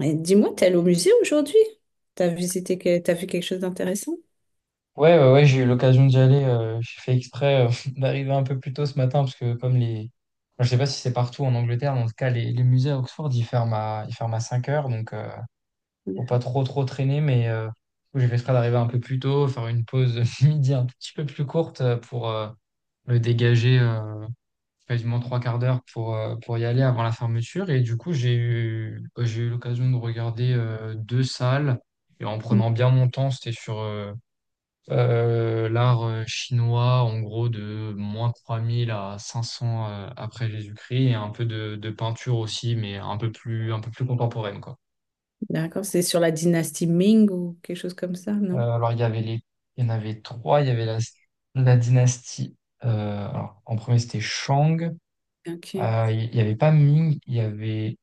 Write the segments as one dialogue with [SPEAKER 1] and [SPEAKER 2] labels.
[SPEAKER 1] Et dis-moi, t'es allé au musée aujourd'hui? T'as visité, t'as vu quelque chose d'intéressant?
[SPEAKER 2] Ouais, ouais, ouais, j'ai eu l'occasion d'y aller. J'ai fait exprès d'arriver un peu plus tôt ce matin parce que Enfin, je sais pas si c'est partout en Angleterre, mais en tout cas, les musées à Oxford, ils ferment à 17 h, donc faut pas trop trop traîner, mais du coup, j'ai fait exprès d'arriver un peu plus tôt, faire une pause midi un tout petit peu plus courte pour me dégager quasiment trois quarts d'heure pour y aller avant la fermeture. Et du coup, j'ai eu l'occasion de regarder deux salles. Et en prenant bien mon temps, c'était sur l'art chinois, en gros, de -3000 à 500 après Jésus-Christ, et un peu de peinture aussi, mais un peu plus contemporaine, quoi.
[SPEAKER 1] D'accord, c'est sur la dynastie Ming ou quelque chose comme ça, non?
[SPEAKER 2] Alors, il y avait les, il y en avait trois. Il y avait la, la dynastie. Alors, en premier, c'était Shang.
[SPEAKER 1] Ok,
[SPEAKER 2] Il n'y avait pas Ming, il y avait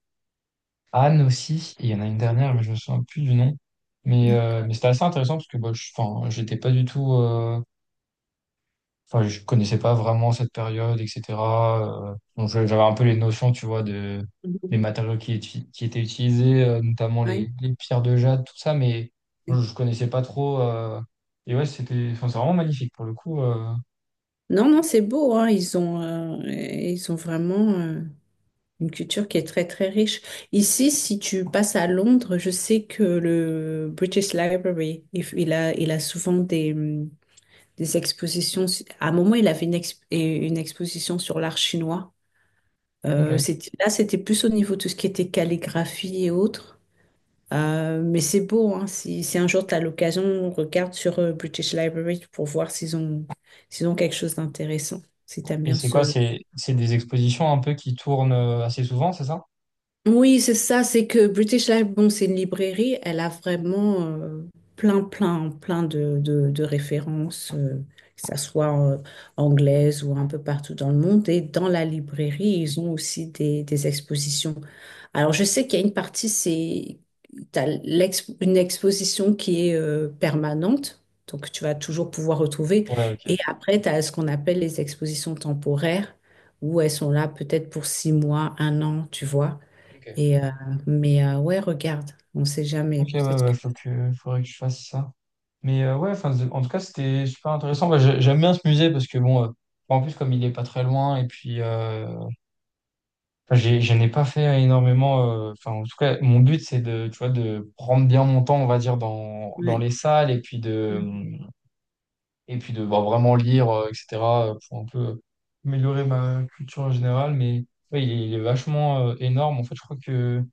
[SPEAKER 2] Han aussi. Et il y en a une dernière, mais
[SPEAKER 1] ok,
[SPEAKER 2] je me souviens plus du nom. Mais
[SPEAKER 1] d'accord.
[SPEAKER 2] c'était assez intéressant parce que bah, enfin, j'étais pas du tout. Enfin, je connaissais pas vraiment cette période, etc. J'avais un peu les notions, tu vois,
[SPEAKER 1] Mhm.
[SPEAKER 2] des matériaux qui étaient utilisés, notamment les,
[SPEAKER 1] Oui.
[SPEAKER 2] les pierres de jade, tout ça, mais je,
[SPEAKER 1] Oui.
[SPEAKER 2] je connaissais pas trop. Ouais, c'était, enfin, c'est vraiment magnifique pour le coup.
[SPEAKER 1] Non, non, c'est beau, hein. Ils ont vraiment une culture qui est très, très riche. Ici, si tu passes à Londres, je sais que le British Library, il a souvent des expositions. À un moment, il avait une, une exposition sur l'art chinois.
[SPEAKER 2] Ok.
[SPEAKER 1] C'était- là, c'était plus au niveau de tout ce qui était calligraphie et autres. Mais c'est beau, hein. Si, si un jour tu as l'occasion, regarde sur British Library pour voir s'ils ont quelque chose d'intéressant, si tu aimes
[SPEAKER 2] Et
[SPEAKER 1] bien
[SPEAKER 2] c'est quoi?
[SPEAKER 1] ce,
[SPEAKER 2] C'est des expositions un peu qui tournent assez souvent, c'est ça?
[SPEAKER 1] Oui, c'est ça, c'est que British Life, bon, c'est une librairie, elle a vraiment plein, plein, plein de références, que ça soit anglaise ou un peu partout dans le monde. Et dans la librairie, ils ont aussi des expositions. Alors, je sais qu'il y a une partie, c'est, une exposition qui est permanente, donc tu vas toujours pouvoir retrouver.
[SPEAKER 2] Ouais, ok.
[SPEAKER 1] Et après, tu as ce qu'on appelle les expositions temporaires, où elles sont là peut-être pour six mois, un an, tu vois.
[SPEAKER 2] Ok.
[SPEAKER 1] Et, mais ouais, regarde, on ne sait jamais.
[SPEAKER 2] Ok, ouais,
[SPEAKER 1] Peut-être que.
[SPEAKER 2] ouais, faut que, faudrait que je fasse ça. Mais ouais, enfin, en tout cas, c'était super intéressant. Moi, j'aime bien ce musée parce que bon, en plus, comme il est pas très loin, et puis enfin, je n'ai pas fait énormément. Enfin, en tout cas, mon but, c'est de, tu vois, de prendre bien mon temps, on va dire, dans les salles et puis de bah, vraiment lire, etc., pour un peu améliorer ma culture en général. Mais ouais, il est vachement énorme. En fait, je crois que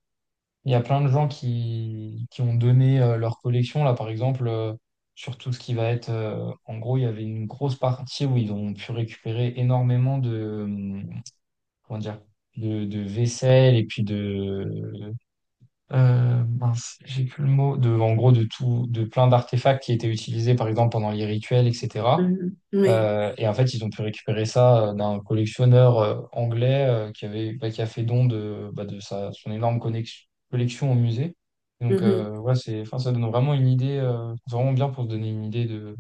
[SPEAKER 2] il y a plein de gens qui ont donné leur collection. Là, par exemple, sur tout ce qui va être. En gros, il y avait une grosse partie où ils ont pu récupérer énormément, comment dire, de vaisselle et puis de, mince, j'ai plus le mot, de, en gros, de tout, de plein d'artefacts qui étaient utilisés, par exemple, pendant les rituels, etc.
[SPEAKER 1] Mhm. Oui.
[SPEAKER 2] Et en fait, ils ont pu récupérer ça d'un collectionneur anglais qui avait, bah. Qui a fait don de, bah, son énorme collection au musée. Donc
[SPEAKER 1] Mhm.
[SPEAKER 2] ouais, c'est, enfin, ça donne vraiment une idée, vraiment bien pour se donner une idée de,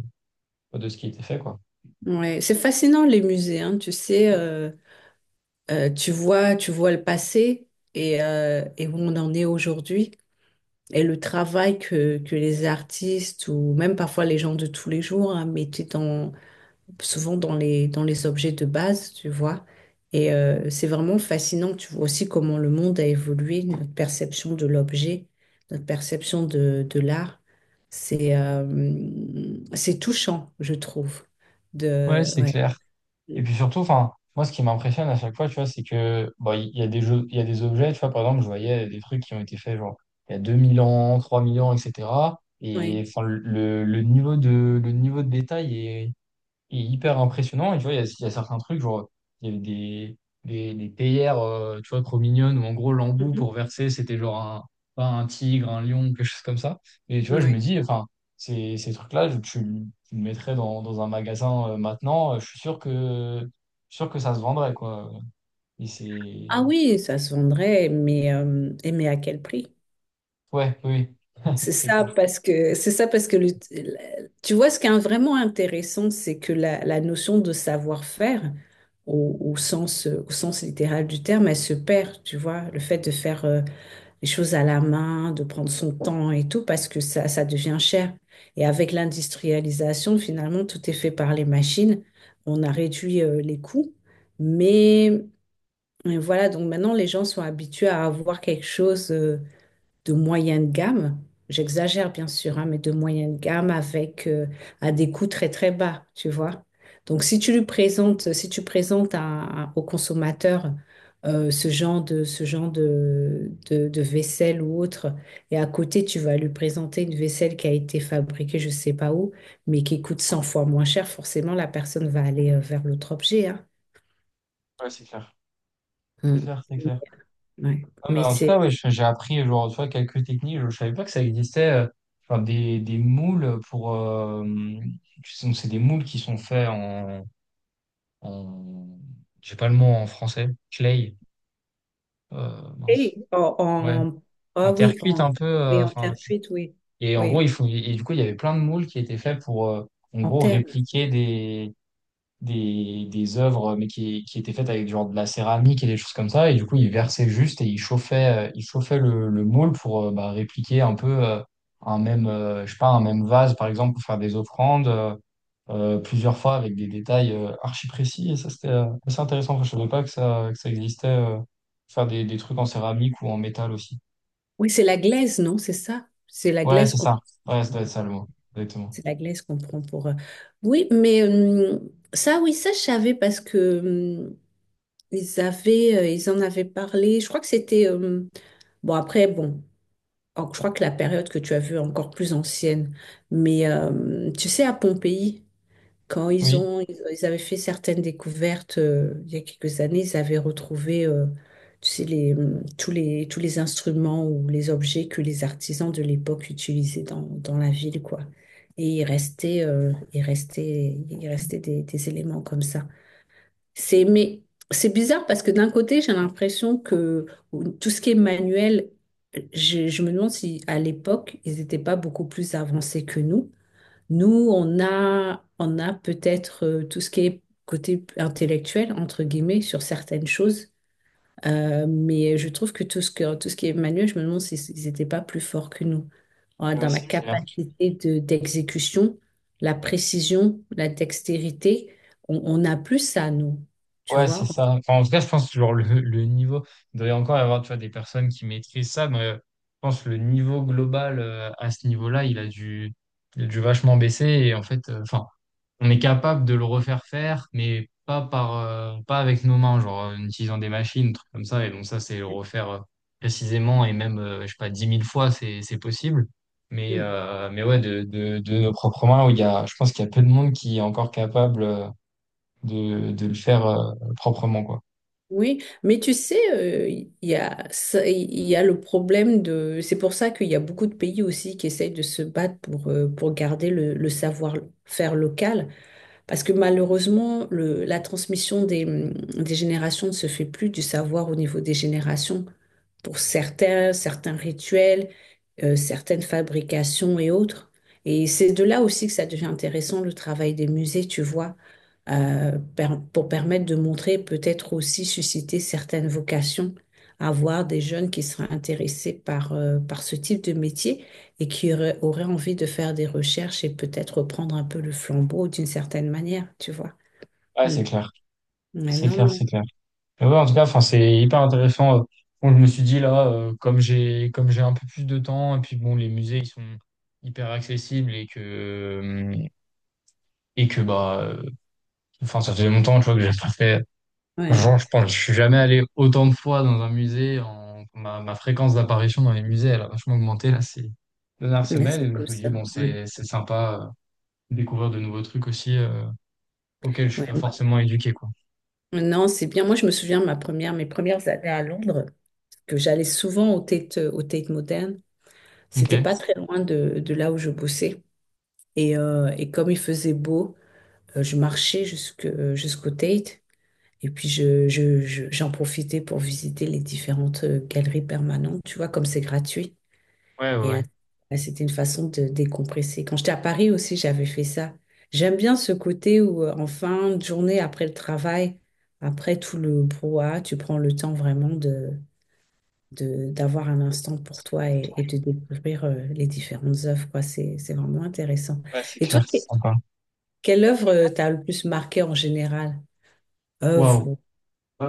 [SPEAKER 2] de ce qui a été fait, quoi.
[SPEAKER 1] Ouais. C'est fascinant les musées, hein. Tu sais, tu vois le passé et où on en est aujourd'hui et le travail que les artistes ou même parfois les gens de tous les jours hein, mettaient dans, souvent dans les objets de base, tu vois. Et c'est vraiment fascinant, tu vois aussi comment le monde a évolué, notre perception de l'objet, notre perception de l'art. C'est euh, c'est touchant, je trouve.
[SPEAKER 2] Ouais,
[SPEAKER 1] De,
[SPEAKER 2] c'est
[SPEAKER 1] ouais.
[SPEAKER 2] clair. Et puis surtout, enfin, moi, ce qui m'impressionne à chaque fois, tu vois, c'est que, bon, il y a des jeux, il y a des objets, tu vois, par exemple, je voyais des trucs qui ont été faits, genre, il y a 2000 ans, 3000 ans, etc.
[SPEAKER 1] Ouais.
[SPEAKER 2] Et, enfin, le niveau de détail est hyper impressionnant. Et tu vois, il y a certains trucs, genre, il y avait des, des théières, tu vois, trop mignonnes, où en gros, l'embout
[SPEAKER 1] Mhm.
[SPEAKER 2] pour verser, c'était genre un, pas un tigre, un lion, quelque chose comme ça. Et tu vois, je me
[SPEAKER 1] Ouais.
[SPEAKER 2] dis, enfin, ces trucs-là, tu le mettrais dans un magasin maintenant, je suis sûr que ça se vendrait, quoi. Et c'est.
[SPEAKER 1] Ah oui, ça se vendrait, mais, et mais à quel prix?
[SPEAKER 2] Ouais, oui,
[SPEAKER 1] C'est
[SPEAKER 2] c'est
[SPEAKER 1] ça
[SPEAKER 2] clair.
[SPEAKER 1] parce que c'est ça parce que tu vois ce qui est vraiment intéressant, c'est que la notion de savoir-faire au, au sens littéral du terme, elle se perd, tu vois, le fait de faire les choses à la main, de prendre son temps et tout parce que ça devient cher. Et avec l'industrialisation, finalement, tout est fait par les machines. On a réduit les coûts, mais voilà, donc maintenant les gens sont habitués à avoir quelque chose de moyenne gamme. J'exagère bien sûr, hein, mais de moyenne gamme avec à des coûts très très bas, tu vois. Donc si tu lui présentes, si tu présentes au consommateur ce genre de vaisselle ou autre, et à côté tu vas lui présenter une vaisselle qui a été fabriquée je sais pas où, mais qui coûte 100 fois moins cher, forcément la personne va aller vers l'autre objet, hein.
[SPEAKER 2] Ouais, c'est clair. C'est
[SPEAKER 1] Mm.
[SPEAKER 2] clair, c'est clair.
[SPEAKER 1] Ouais.
[SPEAKER 2] Non, mais
[SPEAKER 1] Mais
[SPEAKER 2] en tout cas,
[SPEAKER 1] c'est
[SPEAKER 2] ouais, j'ai appris genre, tu vois, quelques techniques. Je ne savais pas que ça existait. Genre des moules pour. C'est des moules qui sont faits en. J'ai pas le mot en français. Clay. Mince.
[SPEAKER 1] Et en,
[SPEAKER 2] Ouais.
[SPEAKER 1] en- ah
[SPEAKER 2] En terre
[SPEAKER 1] oui,
[SPEAKER 2] cuite
[SPEAKER 1] en,
[SPEAKER 2] un peu.
[SPEAKER 1] oui, en terre cuite, oui.
[SPEAKER 2] Et en gros,
[SPEAKER 1] Oui,
[SPEAKER 2] et du coup, il y avait plein de moules qui étaient faits pour, en
[SPEAKER 1] en
[SPEAKER 2] gros,
[SPEAKER 1] terme.
[SPEAKER 2] répliquer des, des œuvres, mais qui étaient faites avec genre de la céramique et des choses comme ça. Et du coup, il versait juste et il chauffait le moule pour répliquer un peu un même, je sais pas, un même vase, par exemple, pour faire des offrandes plusieurs fois avec des détails archi précis. Et ça, c'était assez intéressant. Enfin, je savais pas que ça existait, faire des trucs en céramique ou en métal aussi.
[SPEAKER 1] Oui, c'est la glaise, non? C'est ça? C'est la
[SPEAKER 2] Ouais,
[SPEAKER 1] glaise
[SPEAKER 2] c'est
[SPEAKER 1] qu'on
[SPEAKER 2] ça. Ouais, ça doit être ça le mot. Exactement.
[SPEAKER 1] c'est la glaise qu'on prend pour. Oui, mais ça, oui, ça, je savais parce que ils avaient, ils en avaient parlé. Je crois que c'était. Bon, après, bon, je crois que la période que tu as vue est encore plus ancienne. Mais tu sais, à Pompéi. Quand
[SPEAKER 2] Oui.
[SPEAKER 1] ils avaient fait certaines découvertes il y a quelques années, ils avaient retrouvé, tu sais, les, tous les, tous les instruments ou les objets que les artisans de l'époque utilisaient dans, dans la ville, quoi. Et il restait, il restait des éléments comme ça. C'est, mais c'est bizarre parce que d'un côté, j'ai l'impression que tout ce qui est manuel, je me demande si à l'époque, ils n'étaient pas beaucoup plus avancés que nous. Nous, on a peut-être tout ce qui est côté intellectuel, entre guillemets, sur certaines choses. Mais je trouve que tout ce qui est manuel, je me demande s'ils n'étaient pas plus forts que nous. Voilà,
[SPEAKER 2] Ouais,
[SPEAKER 1] dans la
[SPEAKER 2] si.
[SPEAKER 1] capacité de, d'exécution, la précision, la dextérité, on a plus ça, nous. Tu
[SPEAKER 2] Ouais, c'est
[SPEAKER 1] vois?
[SPEAKER 2] ça. Enfin, en tout cas, je pense que genre, le niveau, il doit y encore y avoir tu vois, des personnes qui maîtrisent ça, mais je pense que le niveau global à ce niveau-là, il a dû vachement baisser. Et en fait, enfin, on est capable de le refaire faire, mais pas avec nos mains, genre en utilisant des machines, trucs comme ça. Et donc ça, c'est le refaire précisément et même, je sais pas, 10 000 fois, c'est possible. Mais,
[SPEAKER 1] Mm.
[SPEAKER 2] euh, mais ouais, de nos propres mains, où je pense qu'il y a peu de monde qui est encore capable. De le faire proprement, quoi.
[SPEAKER 1] Oui, mais tu sais, ça- il y a le problème de... C'est pour ça qu'il y a beaucoup de pays aussi qui essayent de se battre pour garder le savoir-faire local. Parce que malheureusement, la transmission des générations ne se fait plus du savoir au niveau des générations. Pour certains, certains rituels, certaines fabrications et autres. Et c'est de là aussi que ça devient intéressant, le travail des musées, tu vois, pour permettre de montrer, peut-être aussi susciter certaines vocations, avoir des jeunes qui seraient intéressés par, par ce type de métier et qui aurait envie de faire des recherches et peut-être reprendre un peu le flambeau d'une certaine manière, tu vois.
[SPEAKER 2] Ouais,
[SPEAKER 1] Mm.
[SPEAKER 2] c'est clair.
[SPEAKER 1] Ouais,
[SPEAKER 2] C'est
[SPEAKER 1] non,
[SPEAKER 2] clair,
[SPEAKER 1] non.
[SPEAKER 2] c'est clair. Mais ouais, en tout cas, enfin, c'est hyper intéressant. Bon, je me suis dit là, comme j'ai un peu plus de temps, et puis bon, les musées, ils sont hyper accessibles et que bah enfin ça faisait longtemps tu vois que j'ai pas fait,
[SPEAKER 1] Ouais,
[SPEAKER 2] genre je pense je suis jamais allé autant de fois dans un musée, ma fréquence d'apparition dans les musées elle a vachement augmenté là ces dernières
[SPEAKER 1] mais
[SPEAKER 2] semaines et
[SPEAKER 1] c'est
[SPEAKER 2] donc
[SPEAKER 1] cool
[SPEAKER 2] je me dis
[SPEAKER 1] ça.
[SPEAKER 2] bon,
[SPEAKER 1] Ouais.
[SPEAKER 2] c'est sympa de découvrir de nouveaux trucs aussi auxquels je suis
[SPEAKER 1] Ouais,
[SPEAKER 2] pas
[SPEAKER 1] moi-
[SPEAKER 2] forcément éduqué, quoi.
[SPEAKER 1] Non, c'est bien. Moi, je me souviens mes premières années à Londres, que j'allais souvent au Tate Modern.
[SPEAKER 2] Ok.
[SPEAKER 1] C'était
[SPEAKER 2] Ouais,
[SPEAKER 1] pas très loin de là où je bossais. Et comme il faisait beau, je marchais jusque, jusqu'au Tate. Et puis, j'en profitais pour visiter les différentes galeries permanentes. Tu vois, comme c'est gratuit.
[SPEAKER 2] ouais,
[SPEAKER 1] Et
[SPEAKER 2] ouais.
[SPEAKER 1] bah, c'était une façon de décompresser. Quand j'étais à Paris aussi, j'avais fait ça. J'aime bien ce côté où, en fin de journée, après le travail, après tout le brouhaha, tu prends le temps vraiment de, d'avoir un instant pour toi et de découvrir les différentes œuvres, quoi. C'est vraiment intéressant.
[SPEAKER 2] Ouais, c'est
[SPEAKER 1] Et
[SPEAKER 2] ça
[SPEAKER 1] toi,
[SPEAKER 2] clair. Super, c'est sympa.
[SPEAKER 1] quelle œuvre t'a le plus marqué en général? Œuvre,
[SPEAKER 2] Waouh.
[SPEAKER 1] ou-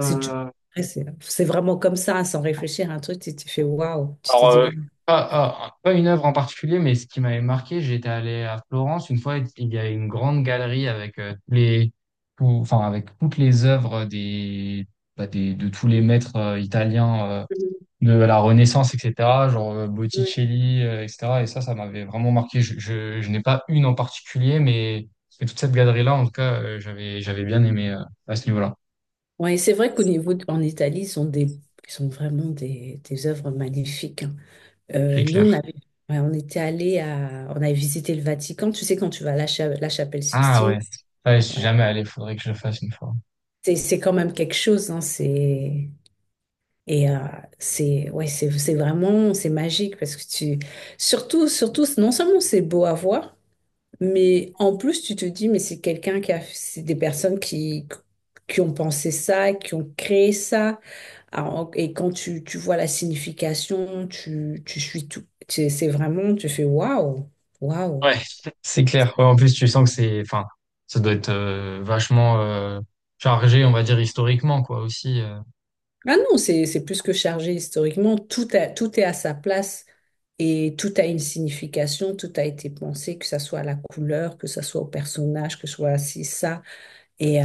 [SPEAKER 1] si tu- Après, c'est vraiment comme ça, hein, sans réfléchir à un truc, tu t'es fait waouh, tu t'es
[SPEAKER 2] alors,
[SPEAKER 1] dit waouh.
[SPEAKER 2] pas une œuvre en particulier, mais ce qui m'avait marqué, j'étais allé à Florence une fois, il y avait une grande galerie avec enfin, avec toutes les œuvres des, bah, de tous les maîtres italiens de la Renaissance, etc., genre
[SPEAKER 1] Mhm.
[SPEAKER 2] Botticelli, etc. Et ça m'avait vraiment marqué. Je n'ai pas une en particulier, mais toute cette galerie-là, en tout cas, j'avais bien aimé à ce niveau-là.
[SPEAKER 1] Oui, c'est vrai qu'au niveau, en Italie, ils sont des, ils sont vraiment des œuvres magnifiques, hein.
[SPEAKER 2] C'est
[SPEAKER 1] Nous, on
[SPEAKER 2] clair.
[SPEAKER 1] avait, ouais, on était allé à, on avait visité le Vatican. Tu sais, quand tu vas à la, la chapelle
[SPEAKER 2] Ah
[SPEAKER 1] Sixtine,
[SPEAKER 2] ouais. Ouais, je suis
[SPEAKER 1] ouais,
[SPEAKER 2] jamais allé, faudrait que je le fasse une fois.
[SPEAKER 1] c'est quand même quelque chose, hein, c'est, et c'est, ouais, c'est vraiment, c'est magique parce que tu, surtout, surtout, non seulement c'est beau à voir, mais en plus, tu te dis, mais c'est quelqu'un qui a, c'est des personnes qui ont pensé ça, qui ont créé ça. Alors, et quand tu vois la signification, tu suis tout. C'est vraiment, tu fais waouh, waouh.
[SPEAKER 2] Ouais. C'est clair. Ouais, en plus, tu sens que c'est, enfin, ça doit être vachement chargé, on va dire historiquement, quoi, aussi.
[SPEAKER 1] Ah non, c'est plus que chargé historiquement. Tout est à sa place et tout a une signification, tout a été pensé, que ça soit à la couleur, que ça soit au personnage, que ce soit ci, ça. Et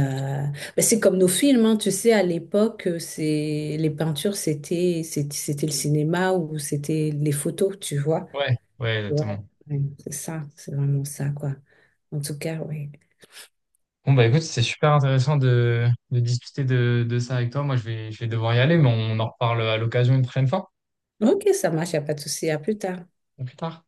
[SPEAKER 1] ben, c'est comme nos films, hein. Tu sais, à l'époque, les peintures, c'était le cinéma ou c'était les photos, tu vois.
[SPEAKER 2] Ouais, ouais,
[SPEAKER 1] Ouais,
[SPEAKER 2] exactement.
[SPEAKER 1] ouais, c'est ça, c'est vraiment ça, quoi. En tout cas, oui.
[SPEAKER 2] Bon bah écoute, c'est super intéressant de discuter de ça avec toi. Moi, je vais devoir y aller, mais on en reparle à l'occasion une prochaine fois,
[SPEAKER 1] Ok, ça marche, il a pas de souci. À plus tard.
[SPEAKER 2] ou plus tard.